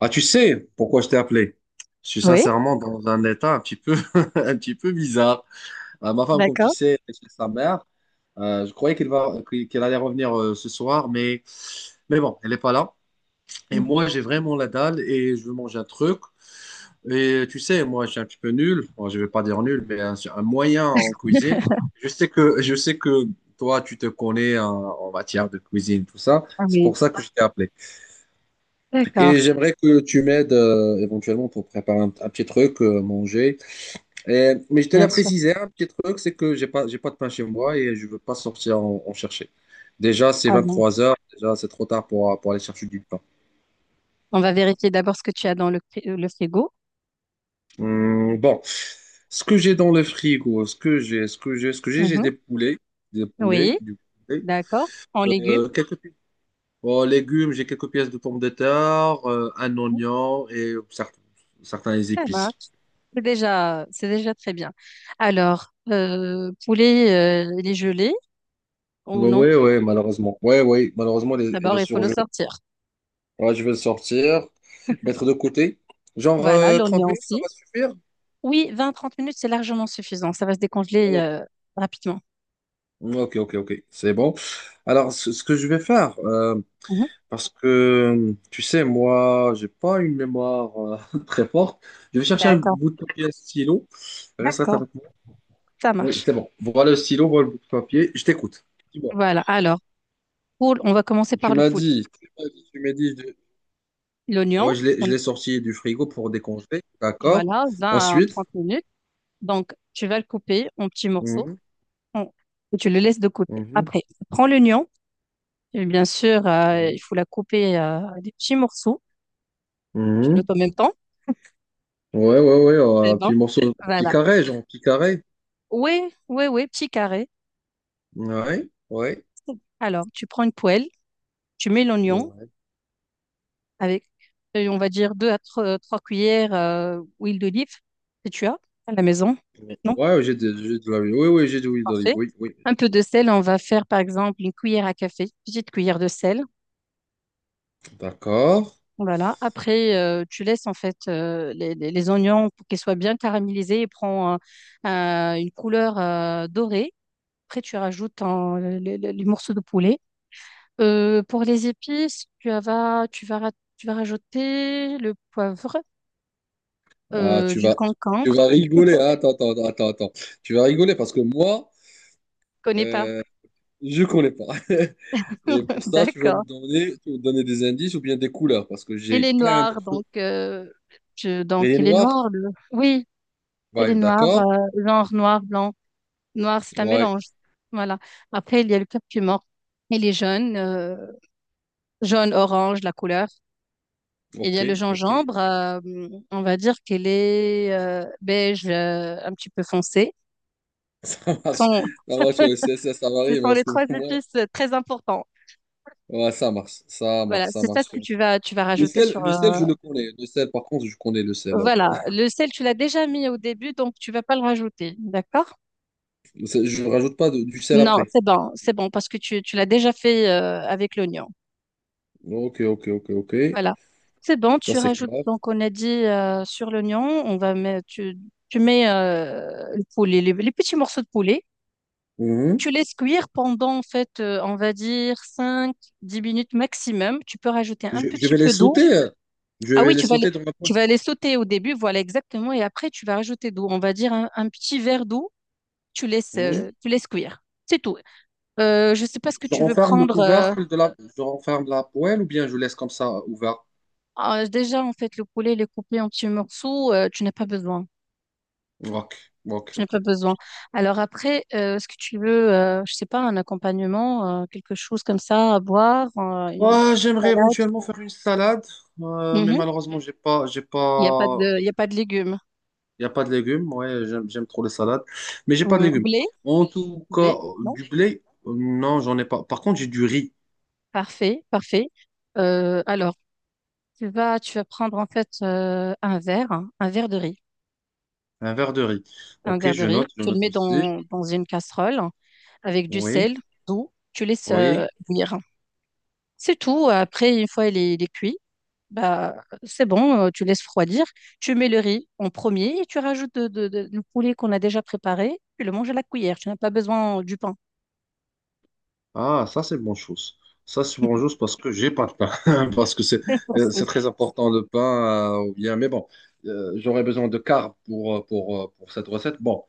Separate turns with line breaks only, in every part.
Ah, tu sais pourquoi je t'ai appelé? Je suis
Oui,
sincèrement dans un état un petit peu, un petit peu bizarre. Ma femme, comme tu
d'accord.
sais, est chez sa mère. Je croyais qu'elle allait revenir ce soir, mais bon, elle n'est pas là. Et
Mmh.
moi, j'ai vraiment la dalle et je veux manger un truc. Et tu sais, moi, je suis un petit peu nul. Bon, je ne vais pas dire nul, mais un moyen en cuisine. Je sais que toi, tu te connais en matière de cuisine, tout ça.
Ah
C'est
oui,
pour ça que je t'ai appelé. Et
d'accord,
j'aimerais que tu m'aides éventuellement pour préparer un petit truc, manger. Mais je tenais
bien
à
sûr.
préciser un petit truc, c'est que j'ai pas de pain chez moi et je veux pas sortir en chercher. Déjà, c'est
Avant.
23 heures, déjà c'est trop tard pour aller chercher du pain.
On va vérifier d'abord ce que tu as dans le fri le frigo.
Hum, bon, Ce que j'ai dans le frigo, ce que j'ai, ce que j'ai, ce que j'ai
Mmh.
des
Oui,
poulets, du poulet,
d'accord, en légumes.
euh, quelques pi- bon, légumes, j'ai quelques pièces de pommes de terre, un
Mmh,
oignon et certains
ça marche.
épices.
C'est déjà très bien. Alors, poulet, il est gelé ou
Bah
non?
ouais, ouais, malheureusement. Ouais, ouais, malheureusement, elle
D'abord,
est
il faut le
surgelée.
sortir.
Ouais, je vais le sortir, mettre de côté. Genre
Voilà,
30
l'oignon
minutes, ça
aussi.
va suffire?
Oui, 20 30 minutes, c'est largement suffisant. Ça va se décongeler,
Ok,
rapidement.
ok, ok, ok, c'est bon. Alors, ce que je vais faire,
Mmh.
parce que, tu sais, moi, j'ai pas une mémoire très forte. Je vais chercher un
D'accord,
bout de papier, un stylo. Reste
d'accord,
avec moi.
ça
Oui,
marche.
c'est bon. Voilà le stylo, voilà le bout de papier. Je t'écoute. Dis-moi.
Voilà, alors, poule, on va commencer
Tu
par le
m'as
poule.
dit, tu m'as dit, tu m'as dit, de-
L'oignon.
Ouais, je l'ai sorti du frigo pour décongeler. D'accord.
Voilà, 20 à
Ensuite,
30 minutes. Donc, tu vas le couper en petits morceaux
mhm,
en- et tu le laisses de côté.
mhm,
Après, prends l'oignon. Et bien sûr,
mhm,
il faut la couper, des petits morceaux. Tu
mhm.
notes en même temps.
Ouais,
Eh
un
ben,
petit morceau, un petit
voilà.
carré, genre, un petit carré.
Oui, oui, oui, petit carré.
Ouais, ouais,
Alors, tu prends une poêle, tu mets l'oignon
ouais.
avec, on va dire, deux à trois cuillères, huile d'olive que tu as à la maison. Non?
Ouais, j'ai de l'olive. Oui, oui, j'ai de l'huile d'olive.
Parfait.
Oui, oui.
Un peu de sel, on va faire par exemple une cuillère à café, petite cuillère de sel.
D'accord.
Voilà. Après, tu laisses en fait, les oignons pour qu'ils soient bien caramélisés et prend, une couleur, dorée. Après, tu rajoutes les morceaux de poulet. Pour les épices, tu vas rajouter le poivre,
Ah,
du concombre.
tu vas rigoler, hein. Attends, attends, attends, attends. Tu vas rigoler parce que moi,
Je connais pas.
euh, je connais pas. Et pour ça,
D'accord.
tu vas me donner des indices ou bien des couleurs parce que
Elle
j'ai
est
plein de
noire,
trucs.
donc,
Les
elle est
noirs?
noire. Oui, elle est
Ouais,
noire,
d'accord.
genre noir, blanc. Noir, c'est un
Ouais,
mélange. Voilà. Après, il y a le curcuma. Il est jaune, jaune, orange, la couleur. Il y
ok,
a le
ok.
gingembre. On va dire qu'il est, beige, un petit peu foncé.
Ça
Ce
marche.
sont,
Ça marche, ouais, ça, ça
ce
varie, mais
sont
en
les
ce
trois
moment,
épices, très importants.
ouais, ça marche. Ça
Voilà,
marche, ça
c'est ça ce
marche.
que tu vas rajouter sur.
Le
euh,
sel, je le connais. Le sel, par contre, je connais le sel, hein.
voilà, le sel, tu l'as déjà mis au début, donc tu vas pas le rajouter. D'accord?
Le sel, je ne rajoute pas de- du sel
Non,
après.
c'est bon, parce que tu l'as déjà fait, avec l'oignon.
Ok, ok, ok, ok.
Voilà. C'est bon,
Ça,
tu
c'est
rajoutes,
clair.
donc on a dit, sur l'oignon, on va mettre, tu mets, le poulet, les petits morceaux de poulet.
Mhm.
Tu laisses cuire pendant, en fait, on va dire 5 10 minutes maximum. Tu peux rajouter un
Je
petit
vais les
peu d'eau.
sauter, Je
Ah
vais
oui,
les
tu vas les,
sauter dans la poêle.
tu vas les sauter au début, voilà exactement. Et après, tu vas rajouter d'eau. On va dire un petit verre d'eau. Tu laisses,
Mhm.
euh, tu laisses cuire. C'est tout. Je ne sais pas ce que
Je
tu veux
renferme le
prendre. euh,
couvercle de la... Je renferme la poêle ou bien je laisse comme ça ouvert.
ah, déjà, en fait, le poulet, il est coupé en petits morceaux. Tu n'as pas besoin.
Ok, ok,
Je n'ai
ok.
pas besoin. Alors après, est-ce que tu veux, je sais pas, un accompagnement, quelque chose comme ça à boire, une petite
Ouais, j'aimerais
salade?
éventuellement faire une salade, mais
Mhm.
malheureusement, j'ai
Il n'y a pas
pas.
de, il y a pas de légumes.
Il n'y a pas de légumes. Ouais, j'aime trop les salades. Mais j'ai pas de légumes.
Blé?
En tout cas,
Blé? Non?
du blé, non, j'en ai pas. Par contre, j'ai du riz.
Parfait, parfait. Alors, tu vas prendre en fait, un verre, hein, un verre de riz,
Un verre de riz.
un
Ok,
verre de riz.
je
Tu le
note
mets
aussi.
dans une casserole avec du
Oui,
sel, d'eau. Tu laisses,
oui.
bouillir. C'est tout. Après, une fois il est cuit, bah, c'est bon, tu laisses refroidir, tu mets le riz en premier et tu rajoutes le poulet qu'on a déjà préparé, tu le manges à la cuillère, tu n'as pas besoin du pain.
Ah, ça, c'est bonne chose. Ça, c'est bonne chose parce que j'ai pas de pain. Parce que c'est
C'est-
très important le pain, ou bien, mais bon, j'aurais besoin de carbs pour cette recette. Bon,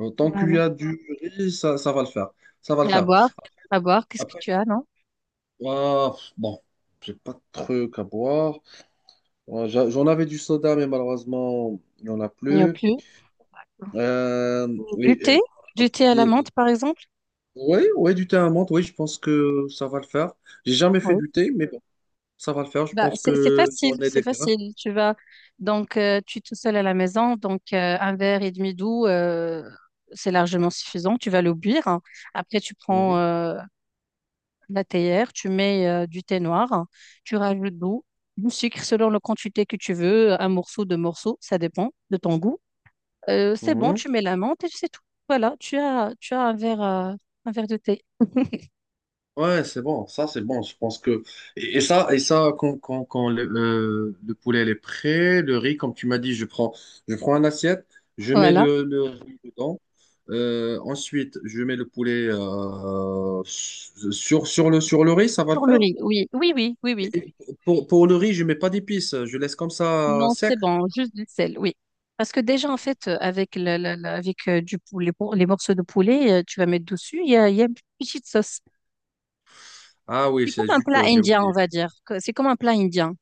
tant qu'il
Voilà.
y a du riz, ça va le faire. Ça va le
Mais à
faire.
boire, à boire, qu'est-ce que
Après,
tu
je-
as, non?
Ah, bon, j'ai pas de truc à boire. J'en avais du soda, mais malheureusement, il n'y en a
Il n'y a
plus.
plus.
Euh,
Du
oui,
thé,
euh, Comme
du thé
je t'ai
à la
dit,
menthe par exemple.
oui, oui, du thé à la menthe, oui, je pense que ça va le faire. J'ai jamais fait
Oui.
du thé, mais bon, ça va le faire. Je
Bah,
pense
c'est
que j'en
facile,
ai
c'est
des grains.
facile. Tu vas donc tu es tout seul à la maison, donc, un verre et demi d'eau, c'est largement suffisant. Tu vas le boire. Après, tu prends,
Mhm.
la théière, tu mets, du thé noir, tu rajoutes de l'eau, du sucre selon la quantité que tu veux, un morceau, deux morceaux, ça dépend de ton goût. C'est bon,
Mhm.
tu mets la menthe et c'est tout. Voilà, tu as un verre de thé.
Ouais, c'est bon, ça c'est bon, je pense que... Et, et ça quand, quand le poulet il est prêt, le riz, comme tu m'as dit, je prends une assiette, je mets
Voilà.
le riz dedans. Ensuite je mets le poulet sur le riz, ça va le
Sur le
faire?
riz, oui, oui, oui, oui, oui.
Et pour le riz, je mets pas d'épices, je laisse comme ça
Non,
sec.
c'est bon, juste du sel, oui. Parce que déjà, en fait, avec, la- la- la- avec, du poulet, les morceaux de poulet, tu vas mettre dessus, il y a une petite sauce.
Ah oui,
C'est
c'est
comme un
juste,
plat
j'ai
indien, on
oublié.
va dire. C'est comme un plat indien.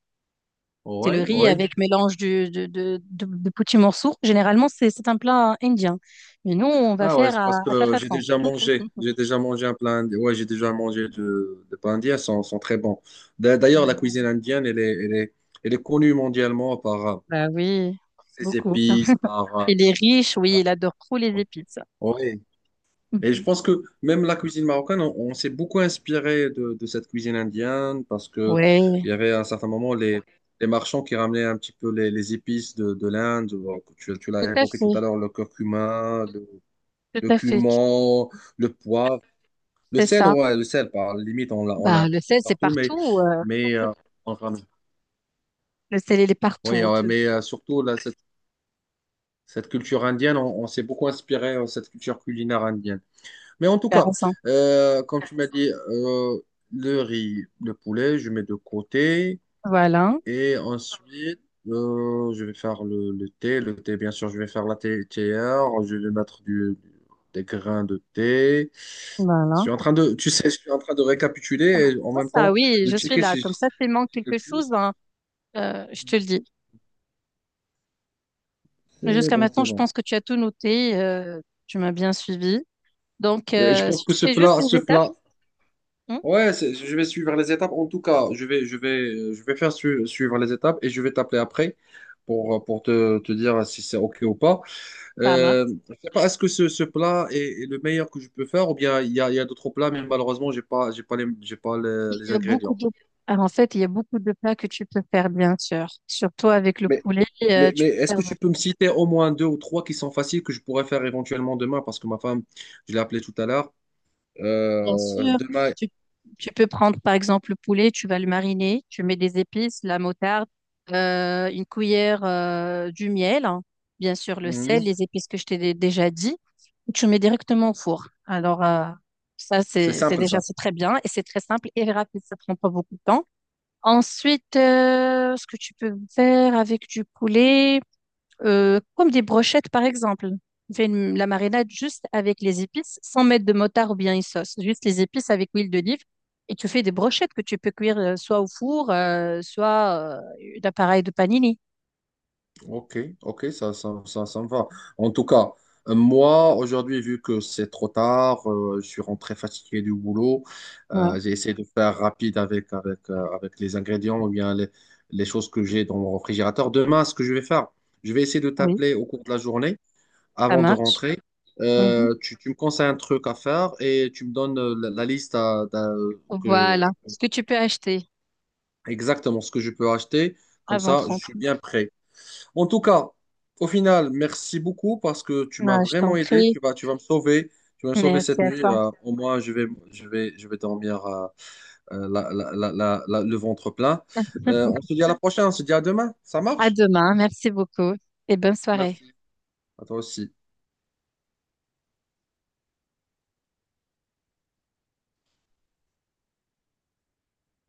C'est le
Ouais,
riz
ouais.
avec mélange de petits morceaux. Généralement, c'est un plat indien. Mais nous, on va
Ah ouais,
faire
c'est
à,
parce
à ta
que j'ai
façon.
déjà mangé. J'ai déjà mangé un plat indien. Ouais, j'ai déjà mangé de plats indiens, sont, sont très bons. D'ailleurs, la cuisine indienne, elle est connue mondialement par
Bah oui,
ses
beaucoup.
épices,
Il est riche, oui, il adore trop les épices.
ouais. Et je
Mhm.
pense que même la cuisine marocaine, on s'est beaucoup inspiré de cette cuisine indienne parce que
Ouais,
il y avait à un certain moment les marchands qui ramenaient un petit peu les épices de l'Inde. Bon, tu
tout
l'as
à
évoqué tout
fait,
à l'heure,
tout
le
à fait.
cumin, le poivre. Le
C'est
sel,
ça.
ouais, le sel, par limite, on l'a un
Bah, le
petit peu
sel, c'est
partout,
partout. euh,
mais on ramène.
le sel, il est
Oui,
partout. Tu
surtout, là, cette culture indienne, on s'est beaucoup inspiré de cette culture culinaire indienne. Mais en tout
tu
cas,
raison.
comme tu m'as dit, le riz, le poulet, je mets de côté.
Voilà,
Et ensuite, je vais faire le thé. Le thé, bien sûr, je vais faire la thé théière. Je vais mettre des grains de thé. Je suis
voilà.
en train de, tu sais, je suis en train de
Ah,
récapituler et en
Ça,
même
ça,
temps
oui,
de
je suis
checker
là.
si je
Comme ça, s'il manque quelque
quelque
chose,
chose.
hein, je te le dis. Mais
C'est
jusqu'à
bon,
maintenant,
c'est
je
bon.
pense que tu as tout noté. Tu m'as bien suivi. Donc,
Je pense
si
que
tu fais juste
ce
les étapes,
plat,
hein,
ouais, je vais suivre les étapes. En tout cas, je vais faire suivre les étapes et je vais t'appeler après te dire si c'est OK ou pas.
ça marche.
Je sais pas, est-ce que ce plat est, est le meilleur que je peux faire ou bien il y a d'autres plats, mais malheureusement, j'ai pas les,
Il
les
y a beaucoup
ingrédients.
de... Ah, en fait, il y a beaucoup de plats que tu peux faire, bien sûr. Surtout avec le
Mais,
poulet, tu
mais
peux
est-ce
faire,
que tu peux me citer au moins deux ou trois qui sont faciles que je pourrais faire éventuellement demain parce que ma femme, je l'ai appelée tout à l'heure.
bien sûr,
Demain,
tu, tu peux prendre, par exemple, le poulet, tu vas le mariner, tu mets des épices, la moutarde, une cuillère, du miel, hein, bien sûr, le sel,
mhm.
les épices que je t'ai déjà dit. Tu mets directement au four. Alors, ça,
C'est
c'est
simple
déjà,
ça.
c'est très bien et c'est très simple et rapide, ça prend pas beaucoup de temps. Ensuite, ce que tu peux faire avec du poulet, comme des brochettes par exemple. Tu fais la marinade juste avec les épices, sans mettre de motard ou bien une sauce. Juste les épices avec huile d'olive. Et tu fais des brochettes que tu peux cuire, soit au four, soit, d'appareil de panini.
Ok, ok, ça me va. En tout cas, moi, aujourd'hui, vu que c'est trop tard, je suis rentré fatigué du boulot,
Ouais,
j'ai essayé de faire rapide avec les ingrédients ou bien les choses que j'ai dans mon réfrigérateur. Demain, ce que je vais faire, je vais essayer de
oui,
t'appeler au cours de la journée
ça
avant de
marche.
rentrer.
Mhm.
Tu me conseilles un truc à faire et tu me donnes la liste que,
Voilà
je-
ce que tu peux acheter
exactement ce que je peux acheter. Comme
avant
ça, je
trente...
suis bien prêt. En tout cas, au final, merci beaucoup parce que tu m'as
Ah, je t'en
vraiment aidé.
prie.
Tu vas me sauver. Tu vas me sauver cette
Merci à
nuit,
toi.
au moins, je vais dormir le ventre plein. On se dit à la prochaine. On se dit à demain. Ça
À
marche?
demain. Merci beaucoup et bonne soirée.
Merci. À toi aussi.